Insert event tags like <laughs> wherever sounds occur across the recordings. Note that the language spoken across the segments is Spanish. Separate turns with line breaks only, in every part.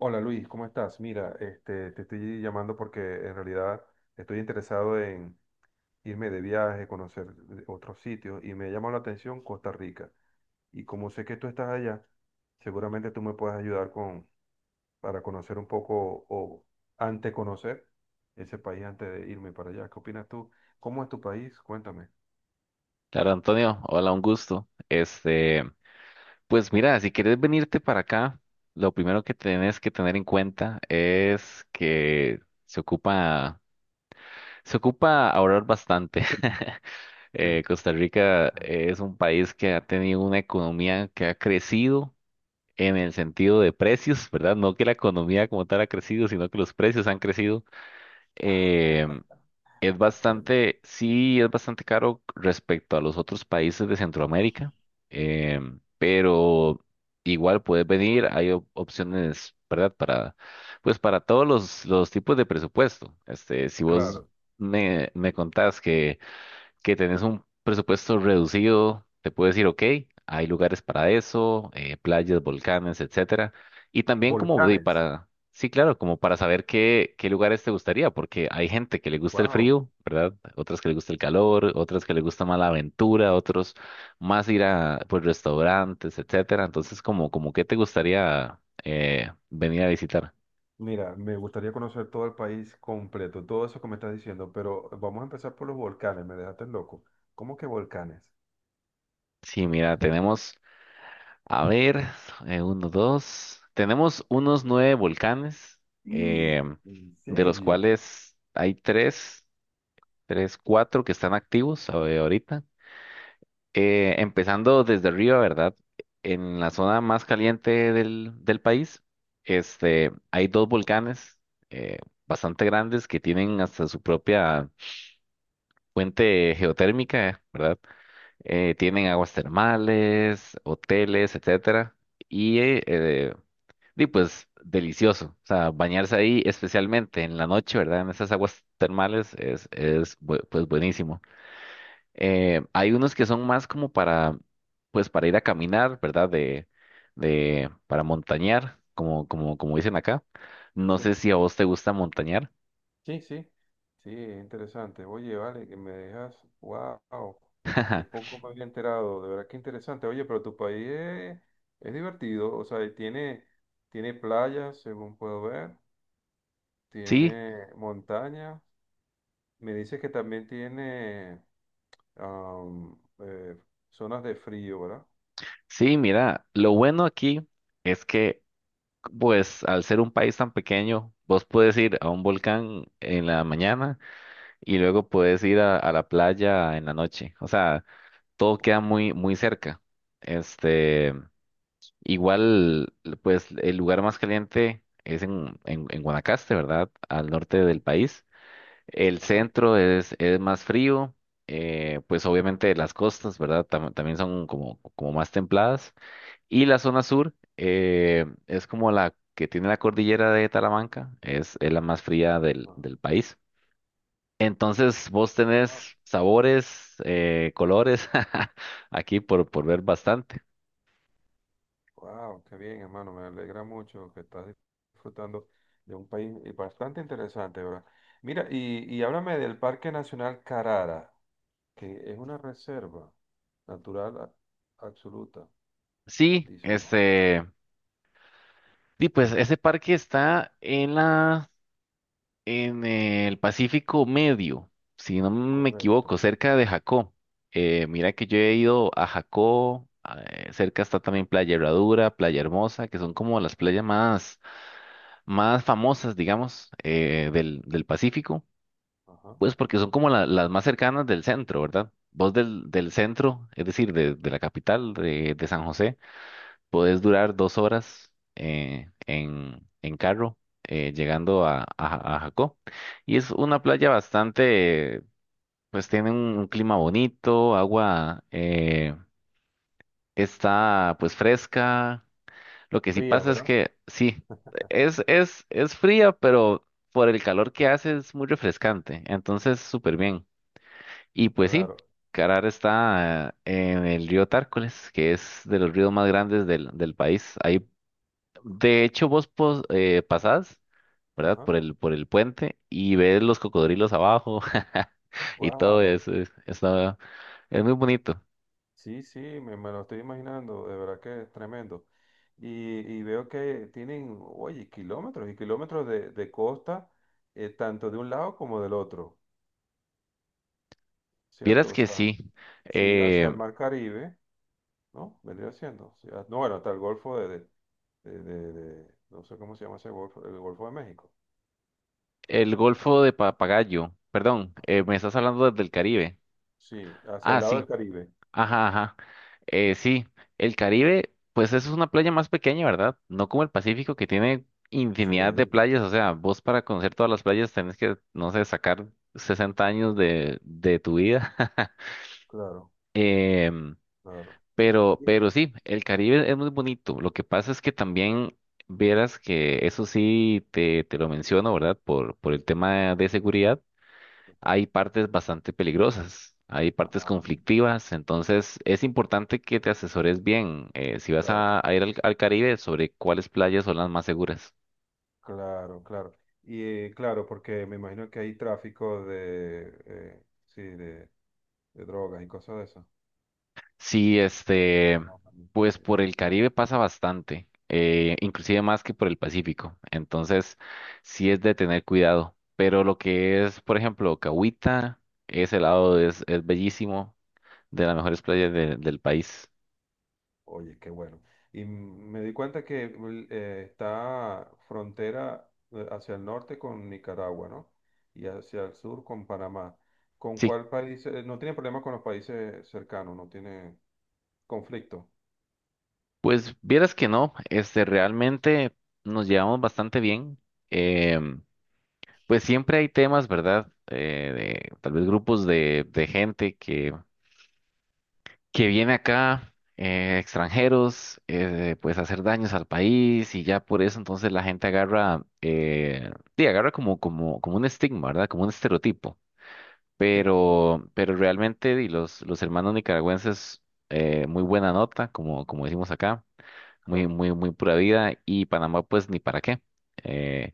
Hola Luis, ¿cómo estás? Mira, este, te estoy llamando porque en realidad estoy interesado en irme de viaje, conocer otros sitios y me llamó la atención Costa Rica. Y como sé que tú estás allá, seguramente tú me puedes ayudar con, para conocer un poco o ante conocer ese país antes de irme para allá. ¿Qué opinas tú? ¿Cómo es tu país? Cuéntame.
Claro, Antonio, hola, un gusto. Este, pues mira, si quieres venirte para acá, lo primero que tienes que tener en cuenta es que se ocupa, se ocupa ahorrar bastante. <laughs>
Sí.
Costa Rica es un país que ha tenido una economía que ha crecido en el sentido de precios, ¿verdad? No que la economía como tal ha crecido, sino que los precios han crecido. Eh, es
Ah, caramba.
bastante, sí, es bastante caro respecto a los otros países de Centroamérica, pero igual puedes venir, hay opciones, ¿verdad? Pues para todos los tipos de presupuesto. Este, si vos
Claro.
me contás que tenés un presupuesto reducido, te puedes decir, ok, hay lugares para eso, playas, volcanes, etcétera. Y también como de
Volcanes.
para, sí, claro, como para saber qué, qué lugares te gustaría, porque hay gente que le gusta el
Wow.
frío, ¿verdad? Otras que le gusta el calor, otras que le gusta más la aventura, otros más ir a, pues, restaurantes, etcétera. Entonces, como, como qué te gustaría venir a visitar.
Mira, me gustaría conocer todo el país completo, todo eso que me estás diciendo, pero vamos a empezar por los volcanes, me dejaste loco. ¿Cómo que volcanes?
Sí, mira, tenemos A ver, uno, dos. Tenemos unos nueve volcanes,
Mm.
eh,
¿En
de los
serio?
cuales hay tres, cuatro que están activos ahorita. Empezando desde arriba, ¿verdad? En la zona más caliente del país, este, hay dos volcanes eh, bastante grandes que tienen hasta su propia fuente geotérmica, ¿verdad? Tienen aguas termales, hoteles, etcétera. Y eh, Y pues delicioso, o sea, bañarse ahí, especialmente en la noche, ¿verdad? En esas aguas termales es, es pues buenísimo. Hay unos que son más como para, pues para ir a caminar, ¿verdad? De, para montañar, como dicen acá. No
Sí,
sé si a vos te gusta montañar.
sí, sí, sí, es interesante. Oye, vale, que me dejas, wow, qué
<laughs>
poco me había enterado, de verdad que interesante. Oye, pero tu país es divertido, o sea, y tiene, tiene playas, según puedo ver,
Sí,
tiene montaña. Me dices que también tiene am, eh, zonas de frío, ¿verdad?
sí, mira, lo bueno aquí es que, pues, al ser un país tan pequeño, vos puedes ir a un volcán en la mañana y luego puedes ir a la playa en la noche. O sea, todo queda muy, muy cerca. Este, igual, pues el lugar más caliente es en, en Guanacaste, ¿verdad? Al norte
Ajá,
del país. El
ajá,
centro es, más frío. Pues obviamente las costas, ¿verdad? También son como, como más templadas. Y la zona sur es como la que tiene la cordillera de Talamanca, es, la más fría del país. Entonces, vos
ajá.
tenés sabores, colores, <laughs> aquí por ver bastante.
Wow, qué bien, hermano. Me alegra mucho que estás disfrutando de un país bastante interesante, ¿verdad? Mira, y háblame del Parque Nacional Carara, que es una reserva natural absoluta,
Sí,
dice, ¿no?
este, sí, pues ese parque está en la, en el Pacífico Medio, si no me equivoco,
Correcto.
cerca de Jacó. Mira que yo he ido a Jacó, ah, cerca está también Playa Herradura, Playa Hermosa, que son como las playas más famosas, digamos, del del Pacífico.
Ajá.
Pues porque son como las más cercanas del centro, ¿verdad? Vos del centro, es decir, de la capital de San José, podés durar 2 horas en, carro llegando a, a Jacó. Y es una playa bastante, pues tiene un, clima bonito, agua está pues fresca. Lo que sí
Fría,
pasa es
¿verdad?
que sí, es fría, pero por el calor que hace es muy refrescante. Entonces, súper bien. Y pues sí,
Claro.
Carar está en el río Tárcoles, que es de los ríos más grandes del país. Ahí, de hecho, vos pasás, ¿verdad?
Ajá.
Por el puente y ves los cocodrilos abajo <laughs> y todo
Wow.
eso. Es muy bonito.
Sí, sí, me lo estoy imaginando, de verdad que es tremendo. Y veo que tienen, oye, kilómetros y kilómetros de costa, tanto de un lado como del otro, ¿cierto?
Vieras
O
que
sea,
sí.
si hacia
eh,
el Mar Caribe, ¿no? Vendría siendo. O sea, no, bueno, hasta el Golfo de, no sé cómo se llama ese Golfo, el Golfo de México.
el Golfo de Papagayo, perdón, me
Ujú.
estás hablando del Caribe.
Sí, hacia el
Ah,
lado del
sí.
Caribe.
Ajá, ajá. Sí, el Caribe, pues eso es una playa más pequeña, ¿verdad? No como el Pacífico que tiene infinidad de
Sí,
playas, o sea, vos para conocer todas las playas tenés que, no sé, sacar 60 años de tu vida. <laughs>
claro,
Em,
claro.
pero
Bien.
sí, el Caribe es muy bonito. Lo que pasa es que también verás que eso sí te lo menciono, ¿verdad? Por el tema de seguridad hay partes bastante peligrosas, hay partes
Ajá,
conflictivas, entonces es importante que te asesores bien si vas
claro.
a, ir al, Caribe sobre cuáles playas son las más seguras.
Claro, claro. Y claro, porque me imagino que hay tráfico de, sí, de drogas y cosas de esas.
Sí,
De
este,
fenómenos.
pues por el Caribe pasa bastante, inclusive más que por el Pacífico, entonces sí es de tener cuidado, pero lo que es, por ejemplo, Cahuita, ese lado es, bellísimo, de las mejores playas del país.
Oye, qué bueno. Y me di cuenta que está frontera hacia el norte con Nicaragua, ¿no? Y hacia el sur con Panamá. ¿Con
Sí,
cuál país? No tiene problema con los países cercanos, no tiene conflicto.
pues vieras que no, este, realmente nos llevamos bastante bien. Em, pues siempre hay temas, ¿verdad? Tal vez grupos de gente que, viene acá, extranjeros,
Sí,
pues a hacer daños al país y ya por eso entonces la gente agarra, sí, agarra como, como un estigma, ¿verdad? Como un estereotipo.
sí, sí,
Pero realmente di, los hermanos nicaragüenses, muy buena nota, como, decimos acá muy,
claro.
muy, muy pura vida y Panamá pues ni para qué. Eh,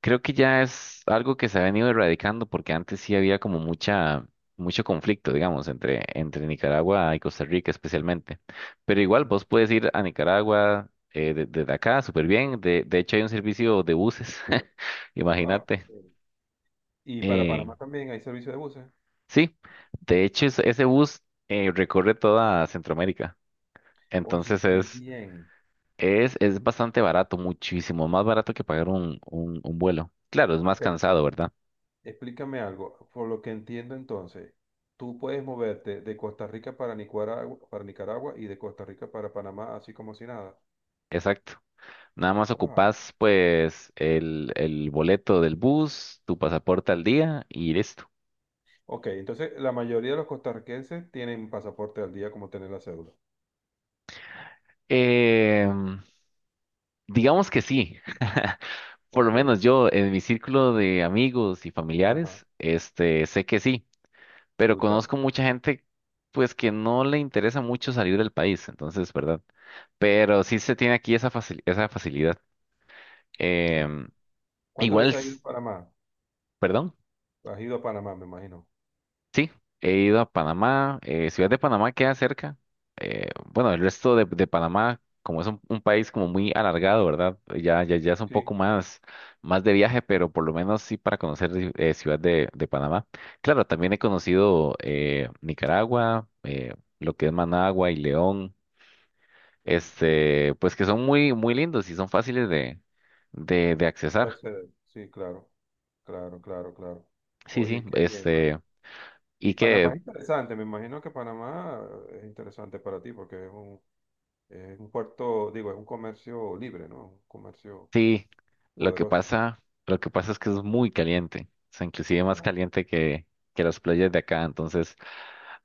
creo que ya es algo que se ha venido erradicando porque antes sí había como mucha, mucho conflicto, digamos, entre, Nicaragua y Costa Rica especialmente. Pero igual vos puedes ir a Nicaragua desde acá súper bien. De hecho hay un servicio de buses, <laughs>
Wow.
imagínate.
Y para
Eh,
Panamá también hay servicio de buses.
sí, de hecho ese bus recorre toda Centroamérica.
Oye,
Entonces
qué bien.
es bastante barato, muchísimo más barato que pagar un, un vuelo. Claro, es más
Ok,
cansado, ¿verdad?
explícame algo. Por lo que entiendo entonces, tú puedes moverte de Costa Rica para Nicaragua y de Costa Rica para Panamá, así como si nada.
Exacto. Nada más
Wow.
ocupas pues el, boleto del bus, tu pasaporte al día y listo.
Ok, entonces la mayoría de los costarricenses tienen pasaporte al día como tener la cédula.
Em, digamos que sí. <laughs> Por lo
Ok.
menos yo en mi círculo de amigos y
Ajá,
familiares, este, sé que sí, pero
brutal.
conozco mucha gente pues que no le interesa mucho salir del país, entonces, ¿verdad? Pero sí se tiene aquí esa esa facilidad.
Claro.
Em,
¿Cuántas
igual,
veces has ido a Panamá?
perdón,
Has ido a Panamá, me imagino.
sí, he ido a Panamá. Ciudad de Panamá queda cerca. Bueno, el resto de, Panamá, como es un, país como muy alargado, ¿verdad? Ya, ya, ya es un poco
Sí.
más de viaje, pero por lo menos sí para conocer Ciudad de Panamá. Claro, también he conocido Nicaragua, lo que es Managua y León,
Oye, qué bien.
este, pues que son muy, muy lindos y son fáciles de, de accesar.
Excelente. Sí, claro. Claro, claro, claro.
Sí, sí,
Oye, qué bien, ¿vale?
este y
Y Panamá
que
es interesante, me imagino que Panamá es interesante para ti porque es un puerto, digo, es un comercio libre, ¿no? Un comercio
sí,
poderoso.
lo que pasa es que es muy caliente, o sea, inclusive más
Ah,
caliente que, las playas de acá, entonces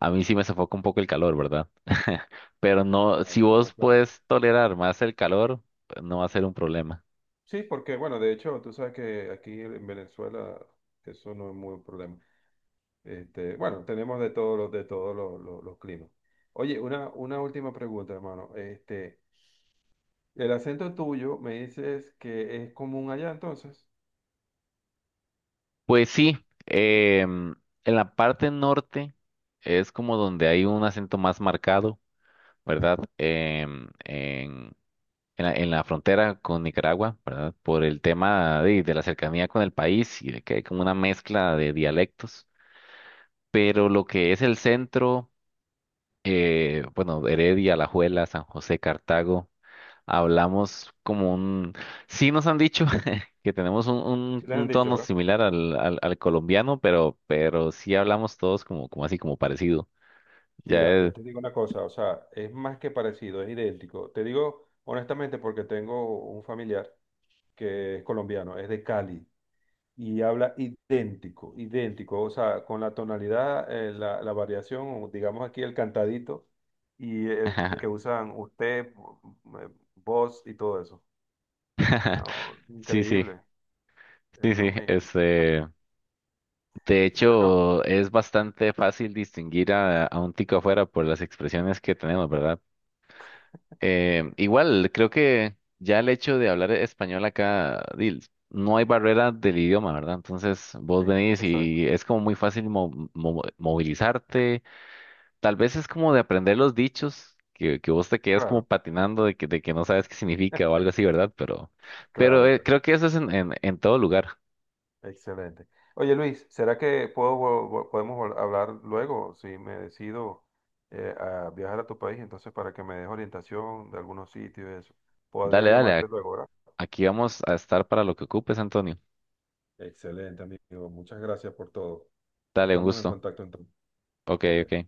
a mí sí me sofoca un poco el calor, ¿verdad? <laughs> Pero no,
claro,
si
más
vos
claro.
puedes tolerar más el calor, pues no va a ser un problema.
Sí, porque bueno, de hecho, tú sabes que aquí en Venezuela eso no es muy un problema. Este, bueno, tenemos de todos los de todos los climas. Oye, una última pregunta, hermano. Este, el acento tuyo me dices que es común allá entonces.
Pues sí, em, en la parte norte es como donde hay un acento más marcado, ¿verdad? En la, frontera con Nicaragua, ¿verdad? Por el tema de la cercanía con el país y de que hay como una mezcla de dialectos. Pero lo que es el centro, bueno, Heredia, Alajuela, San José, Cartago, hablamos como un... Sí nos han dicho <laughs> que tenemos un,
Sí,
un-
les han
un
dicho,
tono
¿verdad?
similar al, al colombiano, pero, sí hablamos todos como, así, como parecido. Ya
Mira, yo
es...
te digo una cosa, o sea, es más que parecido, es idéntico. Te digo honestamente porque tengo un familiar que es colombiano, es de Cali y habla idéntico, idéntico, o sea, con la tonalidad, la variación, o digamos aquí el cantadito y el
<laughs>
que usan usted, eh, vos y todo eso. No,
Sí, sí,
increíble, es
sí,
lo
sí,
mismo. Ah,
este... De
bueno,
hecho, es bastante fácil distinguir a, un tico afuera por las expresiones que tenemos, ¿verdad? Igual, creo que ya el hecho de hablar español acá, di, no hay barrera del idioma, ¿verdad? Entonces, vos
sí,
venís
exacto,
y es como muy fácil movilizarte. Tal vez es como de aprender los dichos, que, vos te quedas como
claro,
patinando de que, no sabes qué significa o algo así, ¿verdad? Pero, pero
claro,
eh,
claro.
creo que eso es en, en todo lugar.
Excelente. Oye Luis, ¿será que puedo, podemos hablar luego si me decido a viajar a tu país? Entonces, para que me des orientación de algunos sitios y eso. Podría
Dale, dale,
llamarte luego, ¿verdad?
aquí vamos a estar para lo que ocupes, Antonio.
Excelente, amigo. Muchas gracias por todo.
Dale, un
Estamos en
gusto.
contacto entonces.
Ok,
Ok.
ok.